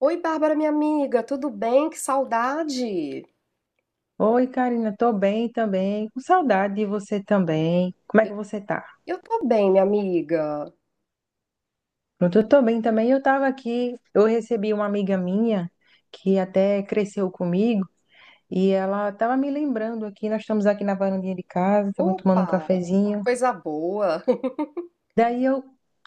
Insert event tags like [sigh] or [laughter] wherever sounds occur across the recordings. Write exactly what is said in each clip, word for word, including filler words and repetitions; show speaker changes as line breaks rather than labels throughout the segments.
Oi, Bárbara, minha amiga, tudo bem? Que saudade!
Oi, Karina, tô bem também, com saudade de você também. Como é que você tá?
Eu tô bem, minha amiga.
Pronto, eu tô bem também. Eu tava aqui, eu recebi uma amiga minha que até cresceu comigo e ela tava me lembrando aqui, nós estamos aqui na varandinha de casa, tava tomando um
Opa,
cafezinho.
coisa boa. [laughs]
Daí eu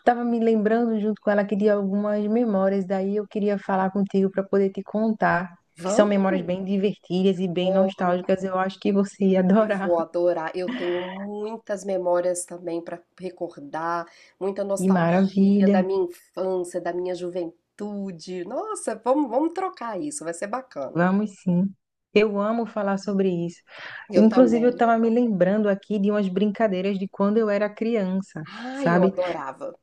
tava me lembrando junto com ela que de algumas memórias, daí eu queria falar contigo para poder te contar, que são memórias
Vamos?
bem divertidas e bem
Oh,
nostálgicas. Eu acho que você ia
eu
adorar.
vou
[laughs]
adorar. Eu tenho muitas memórias também para recordar, muita
E
nostalgia da
maravilha.
minha infância, da minha juventude. Nossa, vamos, vamos trocar isso, vai ser bacana.
Vamos sim. Eu amo falar sobre isso.
Eu
Inclusive, eu
também.
estava me lembrando aqui de umas brincadeiras de quando eu era criança,
Ai, eu
sabe?
adorava.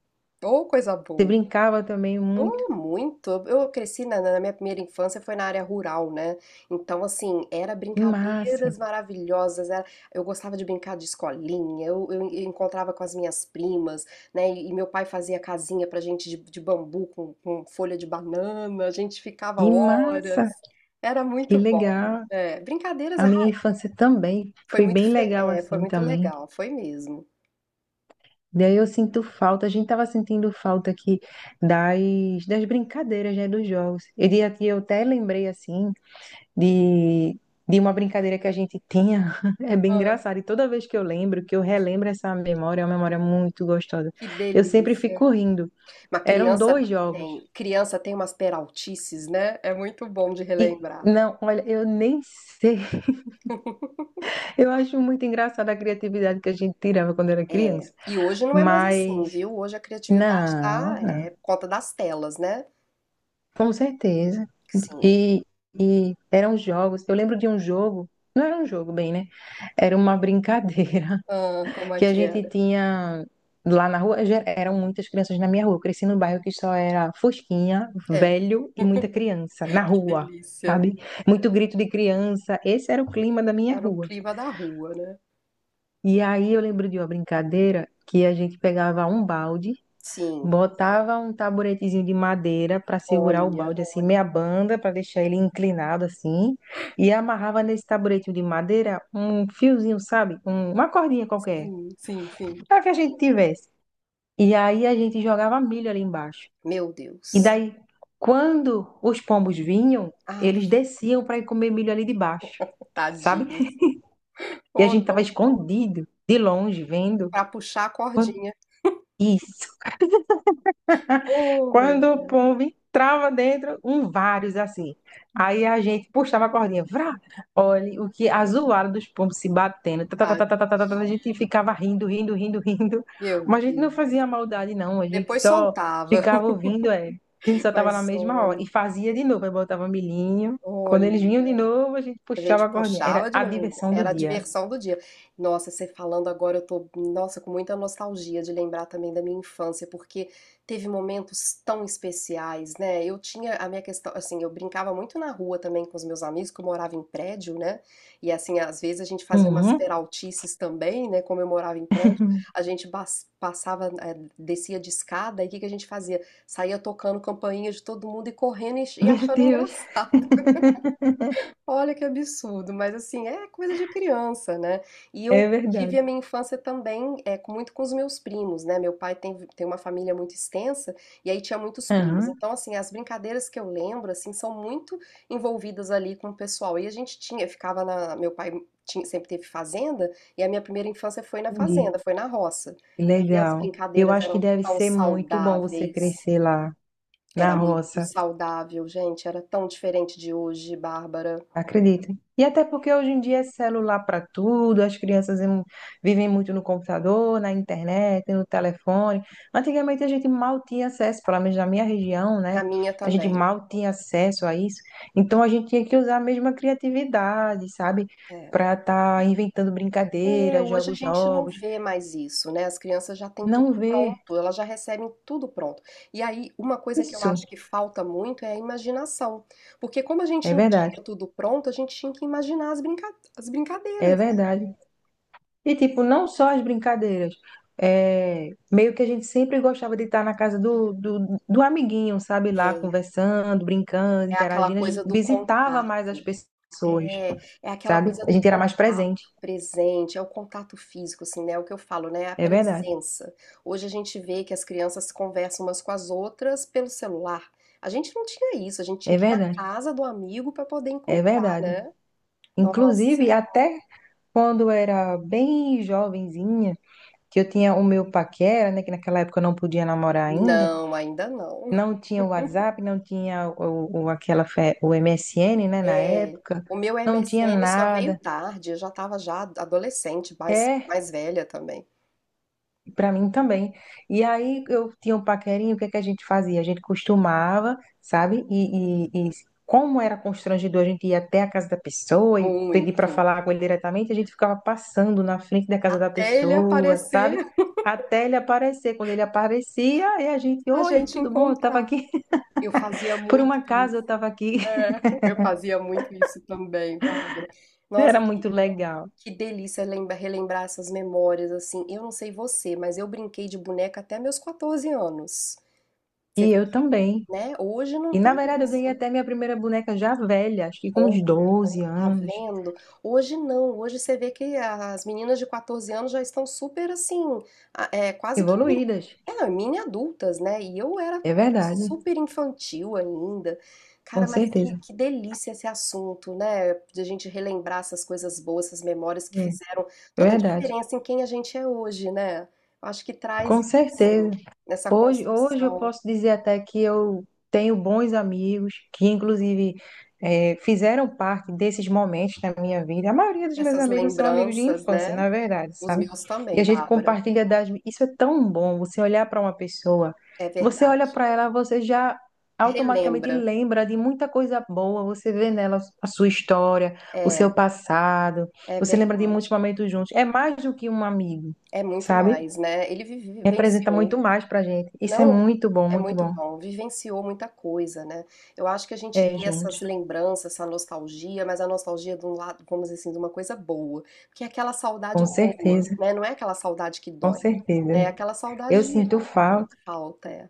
Oh, coisa
Você
boa.
brincava também muito.
Oh, muito. Eu cresci na, na minha primeira infância foi na área rural, né? Então, assim, era
Que massa,
brincadeiras maravilhosas. Era- eu gostava de brincar de escolinha. Eu, eu encontrava com as minhas primas, né? E, meu pai fazia casinha pra gente de, de bambu com, com folha de banana. A gente ficava
que massa,
horas. Era
que
muito bom.
legal.
É, brincadeiras,
A
ah,
minha infância também
foi
foi
muito,
bem
fe-
legal
é, foi
assim
muito
também.
legal, foi mesmo.
Daí eu sinto falta, a gente estava sentindo falta aqui das, das brincadeiras, né, dos jogos. E de- aqui eu até lembrei assim de, de uma brincadeira que a gente tinha. [laughs] É bem
Ah,
engraçado. E toda vez que eu lembro, que eu relembro essa memória, é uma memória muito gostosa.
que
Eu sempre
delícia.
fico rindo.
Uma
Eram
criança
dois jogos.
tem, Criança tem umas peraltices, né? É muito bom de
E
relembrar.
não, olha, eu nem sei. [laughs] Eu acho muito engraçada a criatividade que a gente tirava quando era
É.
criança.
E hoje não é mais assim,
Mas
viu? Hoje a criatividade
não,
tá,
não.
é, por conta das telas, né?
Com certeza.
Sim.
E, e eram jogos. Eu lembro de um jogo. Não era um jogo, bem, né? Era uma [laughs] brincadeira
Ah, como é
que a
que
gente
era?
tinha lá na rua, já eram muitas crianças na minha rua. Eu cresci num bairro que só era fosquinha,
É,
velho e muita criança na
[laughs] que
rua,
delícia.
sabe? Muito grito de criança. Esse era o clima da minha
Era o
rua.
clima da rua, né?
E aí eu lembro de uma brincadeira que a gente pegava um balde,
Sim.
botava um taburetezinho de madeira para segurar o
Olha.
balde assim, meia banda, para deixar ele inclinado assim, e amarrava nesse taburetinho de madeira um fiozinho, sabe? Um- uma cordinha qualquer,
Sim, sim, sim.
para que a gente tivesse. E aí a gente jogava milho ali embaixo.
Meu
E
Deus.
daí, quando os pombos vinham,
Ah,
eles desciam para ir comer milho ali de baixo, sabe?
tadinhos.
E a
Oh,
gente tava
dó.
escondido, de longe, vendo.
Pra puxar a cordinha.
Isso.
Oh, meu
Quando o
Deus.
pombo entrava dentro, um vários assim. Aí a gente puxava a cordinha, vrá, olha o que a zoada dos pombos se batendo. Tá, tá, tá, tá,
Tadinho.
tá, tá, tá, tá, a gente ficava rindo, rindo, rindo, rindo.
Meu
Mas a gente não
Deus.
fazia maldade, não. A gente
Depois
só
soltava.
ficava ouvindo, é. A gente só
[laughs]
tava na
Mas
mesma hora.
olha.
E fazia de novo, aí botava milhinho. Quando
Olha,
eles vinham de novo, a gente
a
puxava
gente
a cordinha. Era
puxava de
a
novo.
diversão do
Era a
dia.
diversão do dia. Nossa, você falando agora, eu tô, nossa, com muita nostalgia de lembrar também da minha infância, porque teve momentos tão especiais, né? Eu tinha a minha questão, assim, eu brincava muito na rua também com os meus amigos, que eu morava em prédio, né? E assim, às vezes a gente fazia umas
Uhum.
peraltices também, né? Como eu morava em prédio, a
[laughs]
gente bas- passava, eh, descia de escada, e o que que a gente fazia? Saía tocando campainha de todo mundo e correndo e e
Meu
achando
Deus,
engraçado. Olha que absurdo, mas assim, é coisa de criança, né? E eu
é
tive
verdade.
a minha infância também é, com- muito com os meus primos, né? Meu pai tem, tem uma família muito extensa e aí tinha muitos primos.
Aham,
Então, assim, as brincadeiras que eu lembro, assim, são muito envolvidas ali com o pessoal. E a gente tinha, ficava na. Meu pai tinha- sempre teve fazenda e a minha primeira infância foi na
entendi.
fazenda, foi na roça.
Que
E aí as
legal. Eu
brincadeiras
acho que
eram
deve
tão
ser muito bom você
saudáveis,
crescer lá na
era muito
roça,
saudável, gente, era tão diferente de hoje, Bárbara.
acredita? E até porque hoje em dia é celular para tudo, as crianças em- vivem muito no computador, na internet, no telefone. Antigamente a gente mal tinha acesso, pelo menos na minha região, né?
Na minha
A gente
também.
mal tinha acesso a isso. Então a gente tinha que usar a mesma criatividade, sabe?
É.
Para estar inventando
É,
brincadeiras,
hoje a
jogos
gente não
novos.
vê mais isso, né, as crianças já têm tudo
Não ver
pronto, elas já recebem tudo pronto. E aí, uma coisa que eu acho
isso.
que falta muito é a imaginação, porque como a gente
É
não
verdade.
tinha tudo pronto, a gente tinha que imaginar as brinca as
É
brincadeiras.
verdade. E, tipo, não só as brincadeiras. É, meio que a gente sempre gostava de estar na casa do, do, do amiguinho, sabe? Lá
É,
conversando, brincando,
é aquela
interagindo. A gente
coisa do
visitava
contato.
mais as pessoas,
É, é aquela
sabe?
coisa
A
do
gente era mais
contato
presente.
presente, é o contato físico, assim, né? É o que eu falo, né? é a
É verdade,
presença. Hoje a gente vê que as crianças conversam umas com as outras pelo celular. A gente não tinha isso, a gente tinha
é
que ir na
verdade,
casa do amigo para poder
é
encontrar,
verdade.
né?
Inclusive,
Nossa,
até quando eu era bem jovenzinha, que eu tinha o meu paquera, né? Que naquela época eu não podia namorar ainda.
não, ainda não.
Não tinha o WhatsApp, não tinha o, o- aquela fe- o M S N, né, na
É,
época,
o meu
não tinha
M S N só veio
nada.
tarde, eu já estava já adolescente, mais,
É,
mais velha também.
para mim também. E aí eu tinha um paquerinho, o que é que a gente fazia? A gente costumava, sabe? E, e- e como era constrangedor, a gente ia até a casa da pessoa e pedir para
Muito.
falar com ele diretamente, a gente ficava passando na frente da casa da
Até ele
pessoa, sabe?
aparecer,
Até ele aparecer. Quando ele aparecia, aí a gente,
a
oi,
gente
tudo bom? Eu tava
encontrar.
aqui.
Eu fazia
[laughs] Por um
muito
acaso eu
isso.
tava aqui.
É, eu fazia muito isso também, Bárbara.
[laughs]
Nossa,
Era
que,
muito legal.
que delícia lembra- relembrar essas memórias, assim. Eu não sei você, mas eu brinquei de boneca até meus quatorze anos.
E
Você vê,
eu também.
né? Hoje não
E na
tem
verdade eu ganhei
isso.
até minha primeira boneca já velha, acho que com uns doze
Tá
anos.
vendo? Hoje não, hoje você vê que as meninas de quatorze anos já estão super assim, a- é, quase que mini,
Evoluídas.
é, mini adultas, né? E eu era
É verdade,
super infantil ainda. Cara,
com
mas que,
certeza.
que delícia esse assunto, né? De a gente relembrar essas coisas boas, essas memórias que
É
fizeram
é
toda a
verdade.
diferença em quem a gente é hoje, né? Eu acho que traz
Com certeza.
isso, nessa
Hoje, hoje eu
construção,
posso dizer até que eu tenho bons amigos que, inclusive, eh, fizeram parte desses momentos na minha vida. A maioria dos meus
essas
amigos são amigos de
lembranças,
infância,
né?
na verdade,
Os
sabe?
meus
E
também,
a gente
Bárbara,
compartilha das. Isso é tão bom, você olhar para uma pessoa,
é
você olha
verdade.
para ela, você já automaticamente
Relembra.
lembra de muita coisa boa, você vê nela a sua história, o seu
É,
passado,
é
você lembra de muitos
verdade.
momentos juntos. É mais do que um amigo,
É muito
sabe?
mais, né? Ele vive-
Representa
vivenciou,
muito mais pra gente. Isso é
não
muito bom,
é
muito
muito
bom.
bom, vivenciou muita coisa, né? Eu acho que a gente
É,
tem
juntos.
essas lembranças, essa nostalgia, mas a nostalgia de um lado, vamos dizer assim, de uma coisa boa, porque é aquela saudade
Com
boa,
certeza,
né? Não é aquela saudade que
com
dói, né? É
certeza.
aquela
Eu
saudade de
sinto falta.
falta, é.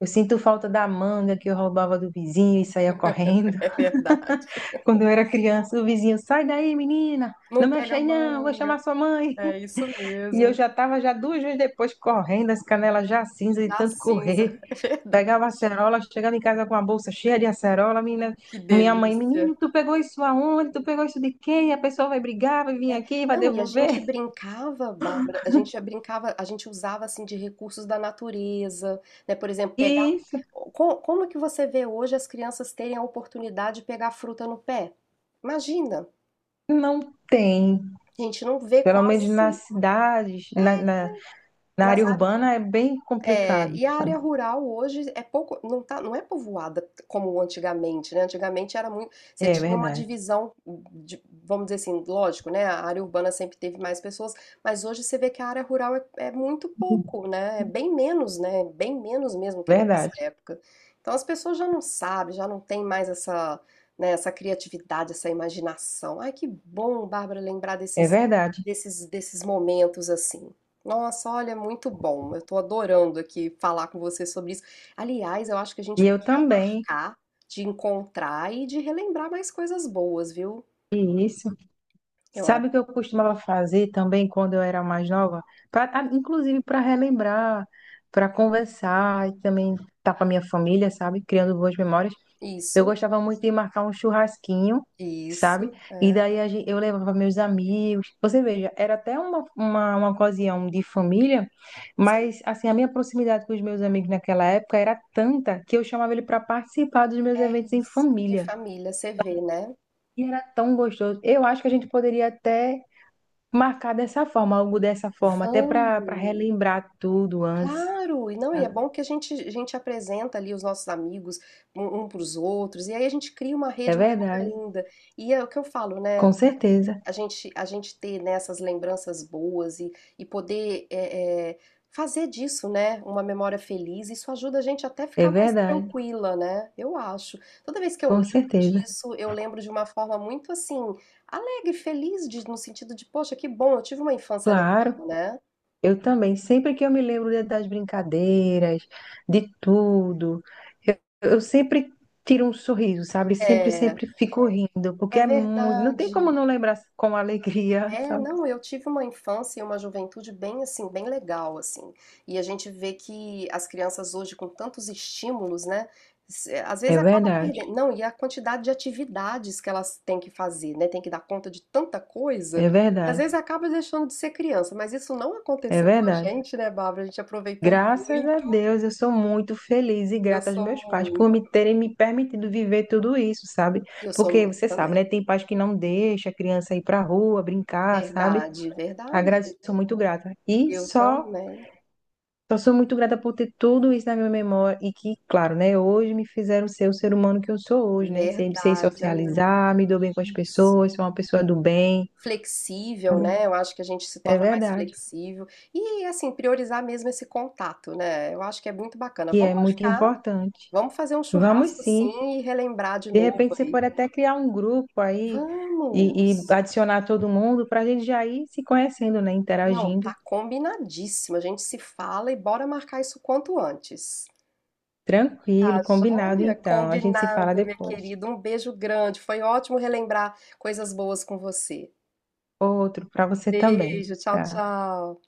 Eu sinto falta da manga que eu roubava do vizinho e saía
[laughs]
correndo.
É verdade.
[laughs] Quando eu era criança, o vizinho, sai daí, menina,
Não
não mexe
pega a
aí não, vou chamar
manga,
sua mãe.
é isso
E eu
mesmo,
já estava já duas vezes depois correndo, as canelas já cinza de
da
tanto
cinza,
correr.
[laughs] é
Pegava
verdade.
acerola, chegava em casa com a bolsa cheia de acerola, menina,
Que
minha mãe,
delícia.
menino, tu pegou isso aonde? Tu pegou isso de quem? A pessoa vai brigar, vai vir
É,
aqui, vai
não, e a gente
devolver.
brincava, Bárbara, a gente brincava, a gente usava assim de recursos da natureza, né? Por exemplo, pegar.
Isso
Como, como é que você vê hoje as crianças terem a oportunidade de pegar fruta no pé? Imagina,
não tem.
a gente não vê
Pelo menos
quase
nas cidades,
é,
na, na, na,
nas
área
áreas.
urbana é bem
É,
complicado.
e a área rural hoje é pouco, não tá, não é povoada como antigamente, né? Antigamente era muito, você
É
tinha uma
verdade,
divisão, de- vamos dizer assim, lógico, né? A área urbana sempre teve mais pessoas, mas hoje você vê que a área rural é, é muito pouco, né? É bem menos, né? Bem menos mesmo que da nossa
verdade,
época. Então as pessoas já não sabem, já não tem mais essa, né, essa criatividade, essa imaginação. Ai, que bom, Bárbara, lembrar
é
desses,
verdade.
desses, desses momentos assim. Nossa, olha, muito bom. Eu tô adorando aqui falar com você sobre isso. Aliás, eu acho que a gente
E eu
podia
também,
marcar de encontrar e de relembrar mais coisas boas, viu?
e isso.
Eu
Sabe
acho.
o que eu costumava fazer também quando eu era mais nova? Pra, ah, inclusive para relembrar, para conversar e também estar com a minha família, sabe? Criando boas memórias. Eu
Isso,
gostava muito de marcar um churrasquinho, sabe?
isso,
E
é.
daí a gen- eu levava meus amigos. Você veja, era até uma, uma, uma ocasião de família,
Sim,
mas assim, a minha proximidade com os meus amigos naquela época era tanta que eu chamava ele para participar dos meus
é
eventos em
isso. De
família.
família, você vê, né?
E era tão gostoso. Eu acho que a gente poderia até marcar dessa forma, algo dessa forma, até para para
Vamos!
relembrar tudo antes,
Claro! E não, e é
sabe?
bom que a gente, a gente apresenta ali os nossos amigos um, para os outros, e aí a gente cria uma
É
rede maior
verdade,
ainda. E é o que eu falo, né?
com certeza.
a gente, a gente ter, né, essas lembranças boas e, e poder é, é, fazer disso, né, uma memória feliz, isso ajuda a gente até
É
ficar mais
verdade,
tranquila, né? Eu acho. Toda vez que eu
com
lembro
certeza.
disso, eu lembro de uma forma muito assim, alegre, feliz, de- no sentido de, poxa, que bom, eu tive uma infância
Claro.
legal, né?
Eu também, sempre que eu me lembro de- das brincadeiras, de tudo, eu, eu sempre tiro um sorriso, sabe? Sempre,
É,
sempre fico rindo, porque
é
é muito, não tem como
verdade.
não lembrar com alegria, [laughs]
É,
sabe?
não, eu tive uma infância e uma juventude bem assim, bem legal assim. E a gente vê que as crianças hoje com tantos estímulos, né, se- às vezes
É
acaba
verdade,
perdendo. Não, e a quantidade de atividades que elas têm que fazer, né, tem que dar conta de tanta coisa,
é
que às
verdade,
vezes É. acaba deixando de ser criança, mas isso não
é
aconteceu com a
verdade.
gente, né, Bárbara? A gente aproveitou
Graças a
muito.
Deus, eu sou muito feliz e
Eu
grata aos
sou
meus pais por
muito,
me terem me permitido viver tudo isso, sabe?
eu sou
Porque
muito
você
também.
sabe, né? Tem pais que não deixam a criança ir pra rua brincar, sabe?
Verdade,
Agradeço,
verdade.
sou muito grata. E
Eu
só
também.
Então, sou muito grata por ter tudo isso na minha memória e que, claro, né, hoje me fizeram ser o ser humano que eu sou hoje, né? Sei, sei
Verdade, amiga.
socializar, me dou bem com as
Isso.
pessoas, sou uma pessoa do bem,
Flexível,
sabe?
né? Eu acho que a gente se
É
torna mais
verdade,
flexível e assim priorizar mesmo esse contato, né? Eu acho que é muito bacana.
que
Vamos
é muito
marcar,
importante.
vamos fazer um
Vamos
churrasco
sim.
sim e relembrar de
De
novo
repente, você
aí.
pode até criar um grupo aí e, e
Vamos.
adicionar todo mundo para a gente já ir se conhecendo, né?
Não,
Interagindo.
tá combinadíssimo. A gente se fala e bora marcar isso quanto antes. Tá
Tranquilo, combinado,
joia?
então. A gente se fala
Combinado, minha
depois.
querida. Um beijo grande. Foi ótimo relembrar coisas boas com você.
Outro para você também.
Beijo, tchau,
Tá?
tchau.